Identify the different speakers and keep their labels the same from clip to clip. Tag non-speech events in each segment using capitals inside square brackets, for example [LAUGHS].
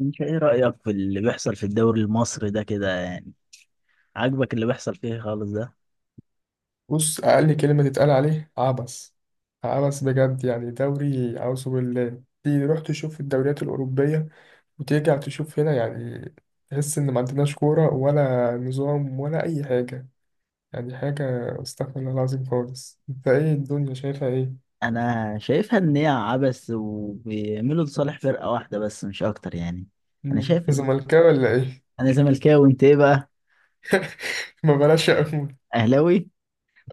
Speaker 1: انت ايه رأيك في اللي بيحصل في الدوري المصري ده كده يعني؟ عاجبك اللي بيحصل فيه خالص ده؟
Speaker 2: بص، أقل كلمة تتقال عليه عبث. عبث بجد، يعني دوري أعوذ بالله. تيجي تروح تشوف الدوريات الأوروبية وترجع تشوف هنا، يعني تحس إن ما عندناش كورة ولا نظام ولا أي حاجة. يعني حاجة، استغفر الله العظيم خالص. أنت إيه الدنيا شايفها إيه؟
Speaker 1: انا شايفها ان هي عبث وبيعملوا لصالح فرقة واحدة بس مش اكتر يعني انا
Speaker 2: مم.
Speaker 1: شايف ان
Speaker 2: زملكاوي ولا إيه؟
Speaker 1: انا زملكاوي، انت ايه بقى؟
Speaker 2: [LAUGHS] ما بلاش أقول.
Speaker 1: اهلاوي.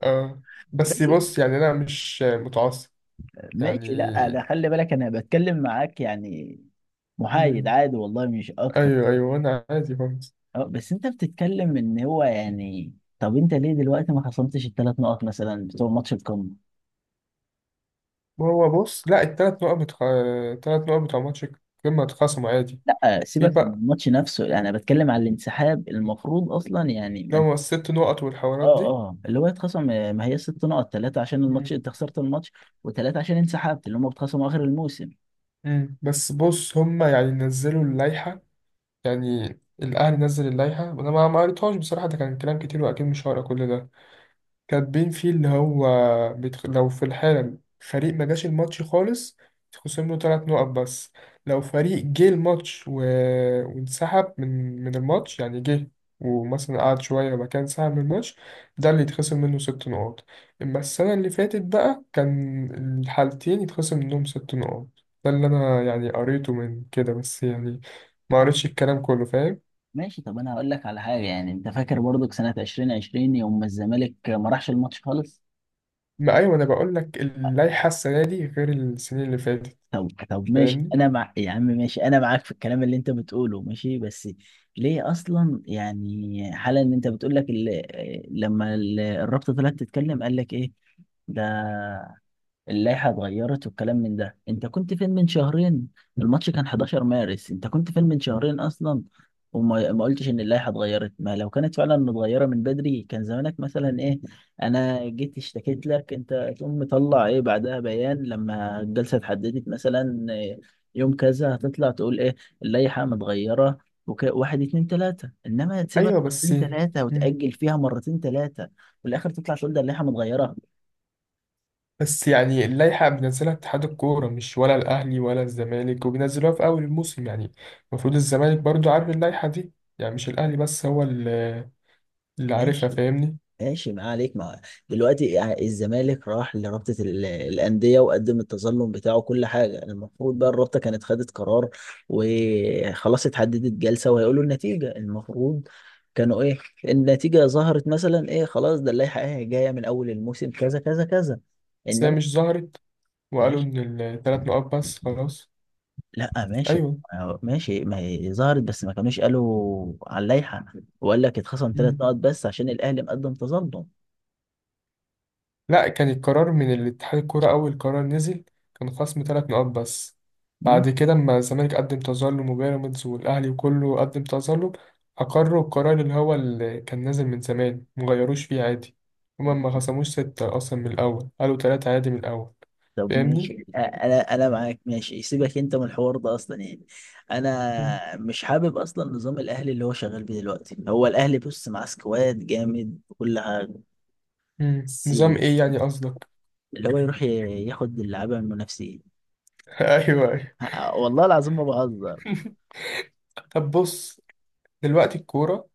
Speaker 2: آه. بس
Speaker 1: ماشي،
Speaker 2: بص، يعني أنا مش متعصب. يعني
Speaker 1: ماشي. لا ده خلي بالك، انا بتكلم معاك يعني، محايد
Speaker 2: مم.
Speaker 1: عادي والله، مش اكتر.
Speaker 2: أيوه أيوه أنا عادي خالص.
Speaker 1: اه، بس انت بتتكلم ان هو يعني، طب انت ليه دلوقتي ما خصمتش الثلاث نقط مثلا بتوع ماتش القمة؟
Speaker 2: هو بص، لا التلات نقط التلات نقط بتوع ماتش القمة اتخصموا عادي.
Speaker 1: لا
Speaker 2: في
Speaker 1: سيبك من
Speaker 2: بقى
Speaker 1: الماتش نفسه، انا بتكلم على الانسحاب المفروض اصلا يعني
Speaker 2: اللي
Speaker 1: من.
Speaker 2: هو الست نقط
Speaker 1: اه،
Speaker 2: والحوارات دي.
Speaker 1: اه، اللي هو يتخصم. ما هي ست نقط، ثلاثه عشان الماتش
Speaker 2: مم.
Speaker 1: انت خسرت الماتش، وثلاثه عشان انسحبت، اللي هم بيتخصموا اخر الموسم.
Speaker 2: مم. بس بص، هما يعني نزلوا اللائحة، يعني الأهلي نزل اللائحة. أنا ما قريتهاش بصراحة، ده كان كلام كتير وأكيد مش هقرا كل ده. كاتبين فيه اللي هو لو في الحالم فريق ما جاش الماتش خالص، تخصم له ثلاث نقط بس. لو فريق جه الماتش و... وانسحب من الماتش، يعني جه ومثلا قعد شوية وبعد كده انسحب من الماتش، ده اللي يتخصم منه ست نقاط. أما السنة اللي فاتت بقى كان الحالتين يتخصم منهم ست نقاط. ده اللي أنا يعني قريته من كده، بس يعني ما قريتش الكلام كله، فاهم.
Speaker 1: ماشي، طب انا هقول لك على حاجه يعني، انت فاكر برضك سنه 2020 يوم ما الزمالك ما راحش الماتش خالص؟
Speaker 2: ما أيوة أنا بقول لك، اللائحة السنة دي غير السنين اللي فاتت،
Speaker 1: طب، طب ماشي،
Speaker 2: فاهمني.
Speaker 1: انا مع يا عم، ماشي انا معاك في الكلام اللي انت بتقوله، ماشي بس ليه اصلا يعني حالا ان انت بتقول لك لما الرابطه طلعت تتكلم قال لك ايه؟ ده اللائحة اتغيرت والكلام من ده، انت كنت فين من شهرين؟ الماتش كان 11 مارس، انت كنت فين من شهرين اصلا؟ وما ما قلتش ان اللائحة اتغيرت. ما لو كانت فعلا متغيرة من بدري كان زمانك مثلا ايه؟ انا جيت اشتكيت لك، انت تقوم مطلع ايه بعدها بيان، لما الجلسة اتحددت مثلا يوم كذا هتطلع تقول ايه؟ اللائحة متغيرة. واحد اتنين تلاتة، انما
Speaker 2: ايوه
Speaker 1: تسيبك
Speaker 2: بس
Speaker 1: مرتين تلاتة
Speaker 2: مم.
Speaker 1: وتأجل فيها مرتين تلاتة، وفي الاخر تطلع تقول ده اللائحة متغيرة.
Speaker 2: بس يعني اللائحه بينزلها اتحاد الكوره، مش ولا الاهلي ولا الزمالك، وبينزلوها في اول الموسم. يعني المفروض الزمالك برضو عارف اللائحه دي، يعني مش الاهلي بس هو اللي عارفها،
Speaker 1: ماشي،
Speaker 2: فاهمني.
Speaker 1: ماشي ما عليك، ما دلوقتي يعني الزمالك راح لرابطة الأندية وقدم التظلم بتاعه كل حاجة، يعني المفروض بقى الرابطة كانت خدت قرار وخلاص، اتحددت جلسة وهيقولوا النتيجة. المفروض كانوا ايه؟ النتيجة ظهرت مثلا ايه؟ خلاص، ده اللائحة ايه جاية من أول الموسم كذا كذا كذا.
Speaker 2: بس هي
Speaker 1: إنما
Speaker 2: مش ظهرت وقالوا
Speaker 1: ماشي،
Speaker 2: ان الثلاث نقاط بس، خلاص.
Speaker 1: لا ماشي،
Speaker 2: ايوه
Speaker 1: ماشي ما هي ظهرت بس ما كانوش قالوا على اللائحة، وقال لك اتخصم ثلاث
Speaker 2: مم.
Speaker 1: نقط بس عشان الأهلي مقدم تظلم.
Speaker 2: لا، كان القرار من الاتحاد الكورة، أول قرار نزل كان خصم تلات نقاط بس. بعد كده لما الزمالك قدم تظلم وبيراميدز والأهلي وكله قدم تظلم، أقروا القرار اللي هو اللي كان نازل من زمان، مغيروش فيه عادي. هما ما
Speaker 1: ماشي.
Speaker 2: خصموش ستة أصلا من الأول، قالوا تلاتة عادي من الأول.
Speaker 1: طب
Speaker 2: فاهمني؟
Speaker 1: ماشي، انا معاك. ماشي، سيبك انت من الحوار ده اصلا، يعني
Speaker 2: مم.
Speaker 1: انا مش حابب اصلا نظام الاهلي اللي هو شغال بيه دلوقتي. هو الاهلي بص مع سكواد جامد كل حاجه،
Speaker 2: مم.
Speaker 1: بس
Speaker 2: نظام إيه يعني قصدك؟
Speaker 1: اللي هو يروح ياخد اللعيبه من المنافسين.
Speaker 2: [LAUGHS] أيوه أيوه.
Speaker 1: والله العظيم ما بهزر.
Speaker 2: [LAUGHS] طب بص، دلوقتي الكورة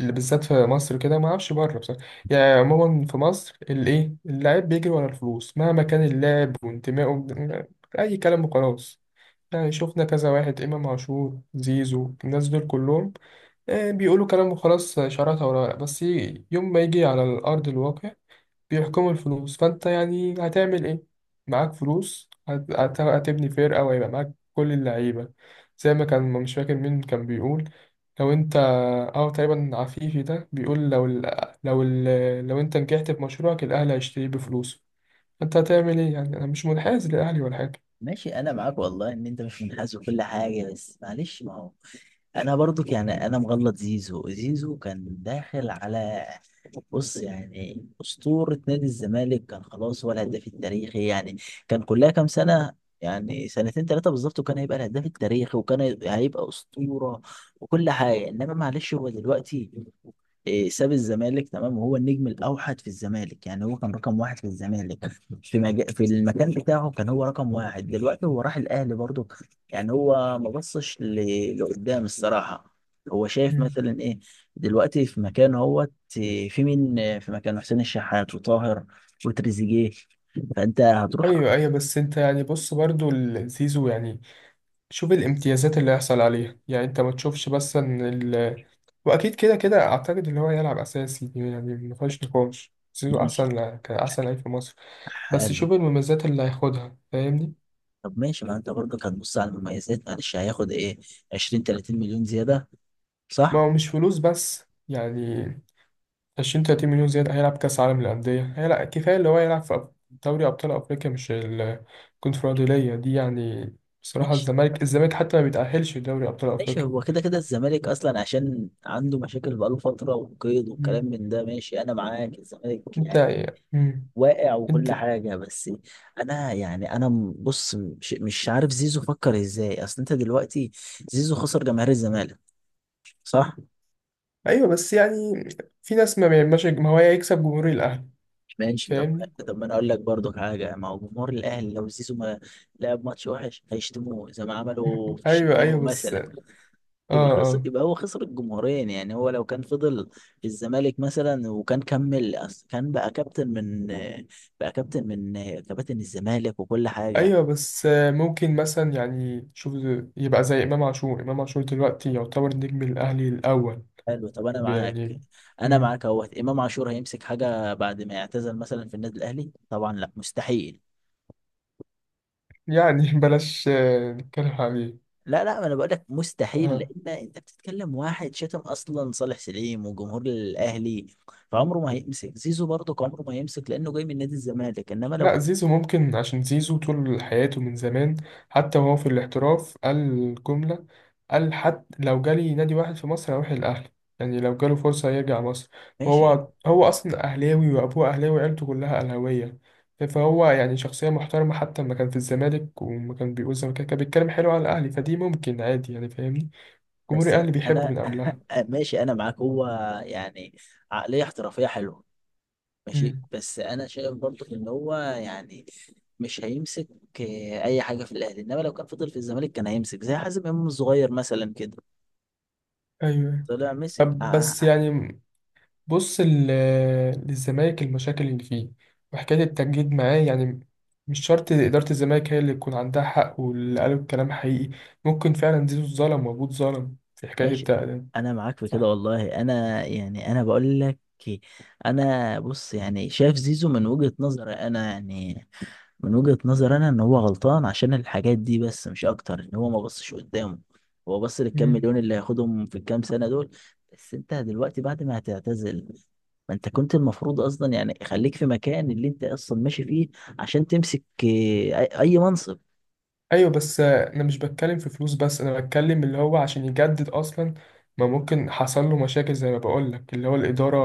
Speaker 2: اللي بالذات في مصر كده، ما اعرفش بره بصراحه. يعني عموما في مصر الايه، اللاعب بيجري ورا الفلوس مهما كان اللاعب وانتمائه اي كلام وخلاص. يعني شفنا كذا واحد، امام عاشور، زيزو، الناس دول كلهم، آه، بيقولوا كلام وخلاص شراكه ولا بس يوم ما يجي على الارض الواقع بيحكموا الفلوس. فانت يعني هتعمل ايه، معاك فلوس هتبني فرقة وهيبقى معاك كل اللعيبة. زي ما كان مش فاكر مين كان بيقول، لو انت، او تقريبا عفيفي ده بيقول لو ال... لو انت نجحت في مشروعك الاهلي هيشتريه بفلوسه، انت هتعمل ايه؟ يعني انا مش منحاز للاهلي ولا حاجة.
Speaker 1: ماشي انا معاك والله ان انت مش منحاز وكل حاجه، بس معلش، ما هو انا برضو يعني انا مغلط زيزو. زيزو كان داخل على، بص يعني أسطورة نادي الزمالك. كان خلاص هو الهداف التاريخي يعني، كان كلها كام سنة يعني، سنتين ثلاثة بالظبط، وكان هيبقى الهداف التاريخي وكان هيبقى أسطورة وكل حاجة. إنما معلش هو دلوقتي ساب الزمالك تمام، وهو النجم الأوحد في الزمالك، يعني هو كان رقم واحد في الزمالك في في المكان بتاعه، كان هو رقم واحد. دلوقتي هو راح الأهلي برضه، يعني هو ما بصش لقدام الصراحة. هو شايف
Speaker 2: مم.
Speaker 1: مثلا إيه دلوقتي في مكانه هو؟ في مين في مكان حسين الشحات وطاهر وتريزيجيه؟ فانت هتروح.
Speaker 2: ايوه ايوه بس انت يعني، بص برضو زيزو يعني شوف الامتيازات اللي هيحصل عليها. يعني انت ما تشوفش بس ان، واكيد كده كده اعتقد اللي هو يلعب اساسي، يعني ما فيهاش نقاش زيزو
Speaker 1: ماشي،
Speaker 2: احسن، كان احسن لعيب في مصر. بس
Speaker 1: حلو.
Speaker 2: شوف المميزات اللي هياخدها، فاهمني.
Speaker 1: طب ماشي، ما انت برضك هتبص على المميزات، معلش هياخد ايه؟ 20 30 مليون زياده،
Speaker 2: ما
Speaker 1: صح؟
Speaker 2: هو مش فلوس بس يعني، 20 30 مليون زيادة، هيلعب كاس عالم للانديه، هيلعب كفايه اللي هو يلعب في دوري ابطال افريقيا مش الكونفدراليه دي. يعني بصراحه
Speaker 1: ماشي،
Speaker 2: الزمالك حتى ما بيتاهلش لدوري ابطال
Speaker 1: ماشي،
Speaker 2: افريقيا.
Speaker 1: هو كده كده الزمالك اصلا عشان عنده مشاكل بقاله فتره وقيد والكلام
Speaker 2: مم.
Speaker 1: من ده. ماشي انا معاك، الزمالك
Speaker 2: انت
Speaker 1: يعني
Speaker 2: مم.
Speaker 1: واقع وكل
Speaker 2: انت
Speaker 1: حاجه، بس انا يعني انا بص، مش عارف زيزو فكر ازاي، اصل انت دلوقتي زيزو خسر جماهير الزمالك، صح؟
Speaker 2: ايوه بس يعني، في ناس ما بيعملش، ما هو هيكسب جمهور الاهلي،
Speaker 1: ماشي، طب،
Speaker 2: فاهمني.
Speaker 1: طب ما انا اقول لك برضو حاجه، ما هو جمهور الاهلي لو زيزو ما لعب ماتش وحش هيشتموه زي ما عملوا في
Speaker 2: ايوه ايوه
Speaker 1: الشناوي
Speaker 2: بس
Speaker 1: مثلا.
Speaker 2: اه
Speaker 1: يبقى خسر،
Speaker 2: اه.
Speaker 1: يبقى هو خسر الجمهورين، يعني هو لو كان فضل في الزمالك مثلا وكان كمل، أصل كان بقى كابتن من كباتن الزمالك وكل حاجه.
Speaker 2: ايوه بس آه، ممكن مثلا يعني شوف، يبقى زي امام عاشور. امام عاشور دلوقتي يعتبر نجم الاهلي الاول،
Speaker 1: حلو، طب انا معاك
Speaker 2: يعني
Speaker 1: انا
Speaker 2: مم.
Speaker 1: معاك اهوت امام عاشور هيمسك حاجه بعد ما يعتزل مثلا في النادي الاهلي؟ طبعا لا، مستحيل.
Speaker 2: يعني [LAUGHS] بلاش آه، نتكلم عليه.
Speaker 1: لا، لا، ما انا بقول لك مستحيل،
Speaker 2: آه.
Speaker 1: لان انت بتتكلم واحد شتم اصلا صالح سليم وجمهور الاهلي، فعمره ما هيمسك. زيزو برضه عمره ما هيمسك لانه جاي من نادي الزمالك، انما لو
Speaker 2: لا
Speaker 1: كان
Speaker 2: زيزو ممكن، عشان زيزو طول حياته من زمان، حتى وهو في الاحتراف قال الجملة، قال حتى لو جالي نادي واحد في مصر هروح الأهلي، يعني لو جاله فرصة يرجع مصر.
Speaker 1: ماشي.
Speaker 2: وهو أصلا أهلاوي وأبوه أهلاوي وعيلته كلها أهلاوية، فهو يعني شخصية محترمة، حتى لما كان في الزمالك وما كان بيقول الزمالك كان بيتكلم حلو على الأهلي، فدي ممكن عادي يعني، فاهمني. جمهور
Speaker 1: بس
Speaker 2: الأهلي بيحبه
Speaker 1: انا
Speaker 2: من قبلها.
Speaker 1: [LAUGHS] ماشي انا معاك، هو يعني عقليه احترافيه حلوه، ماشي.
Speaker 2: امم
Speaker 1: بس انا شايف برضه ان هو يعني مش هيمسك اي حاجه في الاهلي، انما لو كان فضل في الزمالك كان هيمسك زي حازم امام الصغير مثلا كده،
Speaker 2: أيوه.
Speaker 1: طلع مسك.
Speaker 2: طب بس يعني بص للزمالك المشاكل اللي فيه وحكاية التجديد معاه، يعني مش شرط إدارة الزمالك هي اللي يكون عندها حق واللي قالوا الكلام حقيقي. ممكن فعلا زيزو اتظلم وأبوه اتظلم في حكاية
Speaker 1: ماشي
Speaker 2: التقديم.
Speaker 1: انا معاك في كده
Speaker 2: صح.
Speaker 1: والله، انا يعني انا بقول لك، انا بص يعني شايف زيزو من وجهة نظري انا يعني من وجهة نظري انا ان هو غلطان عشان الحاجات دي، بس مش اكتر، ان هو ما بصش قدامه. هو بص للكام
Speaker 2: مم.
Speaker 1: مليون اللي هياخدهم في الكام سنة دول، بس انت دلوقتي بعد ما هتعتزل، ما انت كنت المفروض اصلا يعني خليك في مكان اللي انت اصلا ماشي فيه عشان تمسك أي منصب.
Speaker 2: أيوة بس أنا مش بتكلم في فلوس بس، أنا بتكلم اللي هو عشان يجدد أصلا، ما ممكن حصل له مشاكل زي ما بقولك اللي هو الإدارة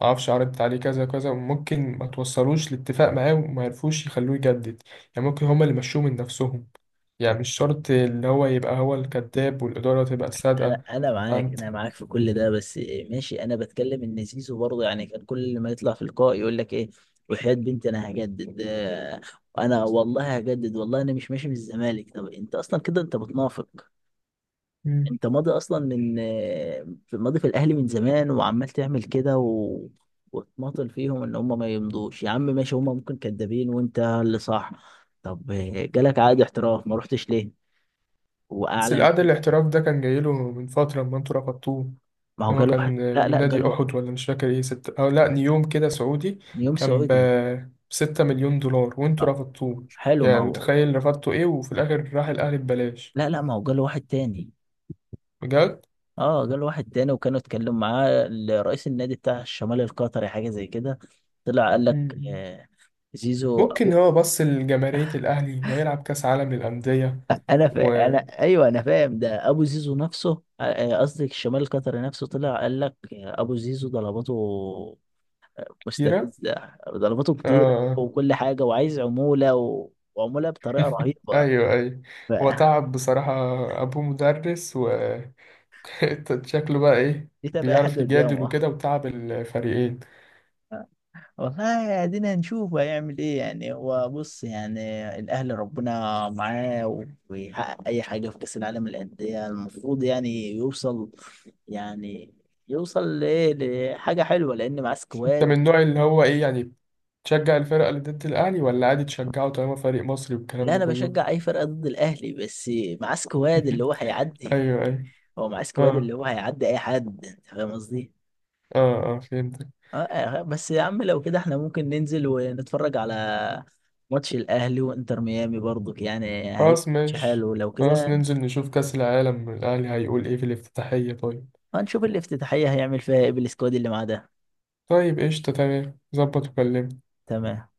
Speaker 2: معرفش عرضت عليه كذا كذا، وممكن ما توصلوش لاتفاق معاه وما يعرفوش يخلوه يجدد. يعني ممكن هما اللي مشوه من نفسهم، يعني مش شرط اللي هو يبقى هو الكذاب والإدارة تبقى
Speaker 1: انا
Speaker 2: الصادقة.
Speaker 1: انا معاك
Speaker 2: أنت
Speaker 1: انا معاك في كل ده، بس ماشي، انا بتكلم ان زيزو برضه يعني كان كل ما يطلع في اللقاء يقول لك ايه؟ وحياة بنتي انا هجدد، انا والله هجدد، والله انا مش ماشي من الزمالك. طب انت اصلا كده انت بتنافق،
Speaker 2: مم.
Speaker 1: انت ماضي اصلا من آه، في- ماضي في الاهلي من زمان، وعمال تعمل كده وتماطل فيهم ان هم ما يمضوش. يا عم ماشي، هم ممكن كدابين وانت اللي صح. طب، جالك عقد احتراف ما رحتش ليه؟
Speaker 2: بس
Speaker 1: واعلى من،
Speaker 2: القعد الاحتراف ده كان جايله من فترة لما انتوا رفضتوه،
Speaker 1: ما هو
Speaker 2: اللي هو
Speaker 1: جاله
Speaker 2: كان
Speaker 1: واحد. لا،
Speaker 2: من
Speaker 1: لا،
Speaker 2: نادي
Speaker 1: جاله
Speaker 2: أحد ولا مش فاكر ايه ستة، أو لأ نيوم كده سعودي،
Speaker 1: نيوم
Speaker 2: كان
Speaker 1: سعودي.
Speaker 2: بـ6 مليون دولار وانتوا
Speaker 1: آه،
Speaker 2: رفضتوه.
Speaker 1: حلو ما
Speaker 2: يعني
Speaker 1: هو.
Speaker 2: متخيل رفضتوا ايه وفي الآخر راح الأهلي ببلاش.
Speaker 1: لا، لا، ما هو جاله واحد تاني.
Speaker 2: بجد؟
Speaker 1: اه، جاله واحد تاني، وكانوا اتكلموا معاه رئيس النادي بتاع الشمال القطري، حاجة زي كده. طلع قال لك
Speaker 2: مم.
Speaker 1: آه، زيزو
Speaker 2: ممكن
Speaker 1: ابو.
Speaker 2: هو بص لجماهيرية الأهلي ويلعب كأس عالم للأندية.
Speaker 1: انا انا ايوه انا فاهم، ده ابو زيزو نفسه. قصدي الشمال القطري نفسه طلع قال لك، ابو زيزو ضرباته
Speaker 2: وكتيرة.
Speaker 1: مستفزة، ضرباته كتيرة
Speaker 2: آه
Speaker 1: وكل حاجة، وعايز عمولة وعمولة بطريقة رهيبة.
Speaker 2: ايوه ايوه. هو
Speaker 1: فدي
Speaker 2: تعب بصراحة، ابوه مدرس و [LAUGHS] شكله بقى ايه،
Speaker 1: تبقى أي حد [LAUGHS]
Speaker 2: بيعرف يجادل
Speaker 1: قدامه.
Speaker 2: وكده وتعب الفريقين.
Speaker 1: آه. والله ادينا نشوف هيعمل ايه، يعني هو بص يعني الاهلي ربنا معاه ويحقق اي حاجه في كاس العالم للانديه. المفروض يعني يوصل، يعني يوصل لحاجه حلوه لان معاه
Speaker 2: انت من
Speaker 1: سكواد.
Speaker 2: النوع اللي هو ايه يعني، تشجع الفرقة اللي ضد الاهلي ولا عادي تشجعه طالما فريق مصري والكلام
Speaker 1: لا،
Speaker 2: ده
Speaker 1: انا
Speaker 2: كله؟
Speaker 1: بشجع اي فرقه ضد الاهلي، بس معاه سكواد اللي
Speaker 2: [LAUGHS]
Speaker 1: هو هيعدي.
Speaker 2: ايوه ايوه
Speaker 1: هو معاه سكواد
Speaker 2: اه
Speaker 1: اللي هو هيعدي اي حد، انت فاهم قصدي؟
Speaker 2: اه. اه فهمتك.
Speaker 1: بس يا عم لو كده احنا ممكن ننزل ونتفرج على ماتش الاهلي وانتر ميامي، برضو يعني هيبقى
Speaker 2: خلاص
Speaker 1: ماتش
Speaker 2: ماشي.
Speaker 1: حلو لو
Speaker 2: خلاص
Speaker 1: كده.
Speaker 2: ننزل نشوف كأس العالم، الاهلي هيقول ايه في الافتتاحية، طيب.
Speaker 1: هنشوف الافتتاحية هيعمل فيها ايه بالسكواد اللي معاه ده.
Speaker 2: طيب قشطة تمام ظبط وكلمني.
Speaker 1: تمام.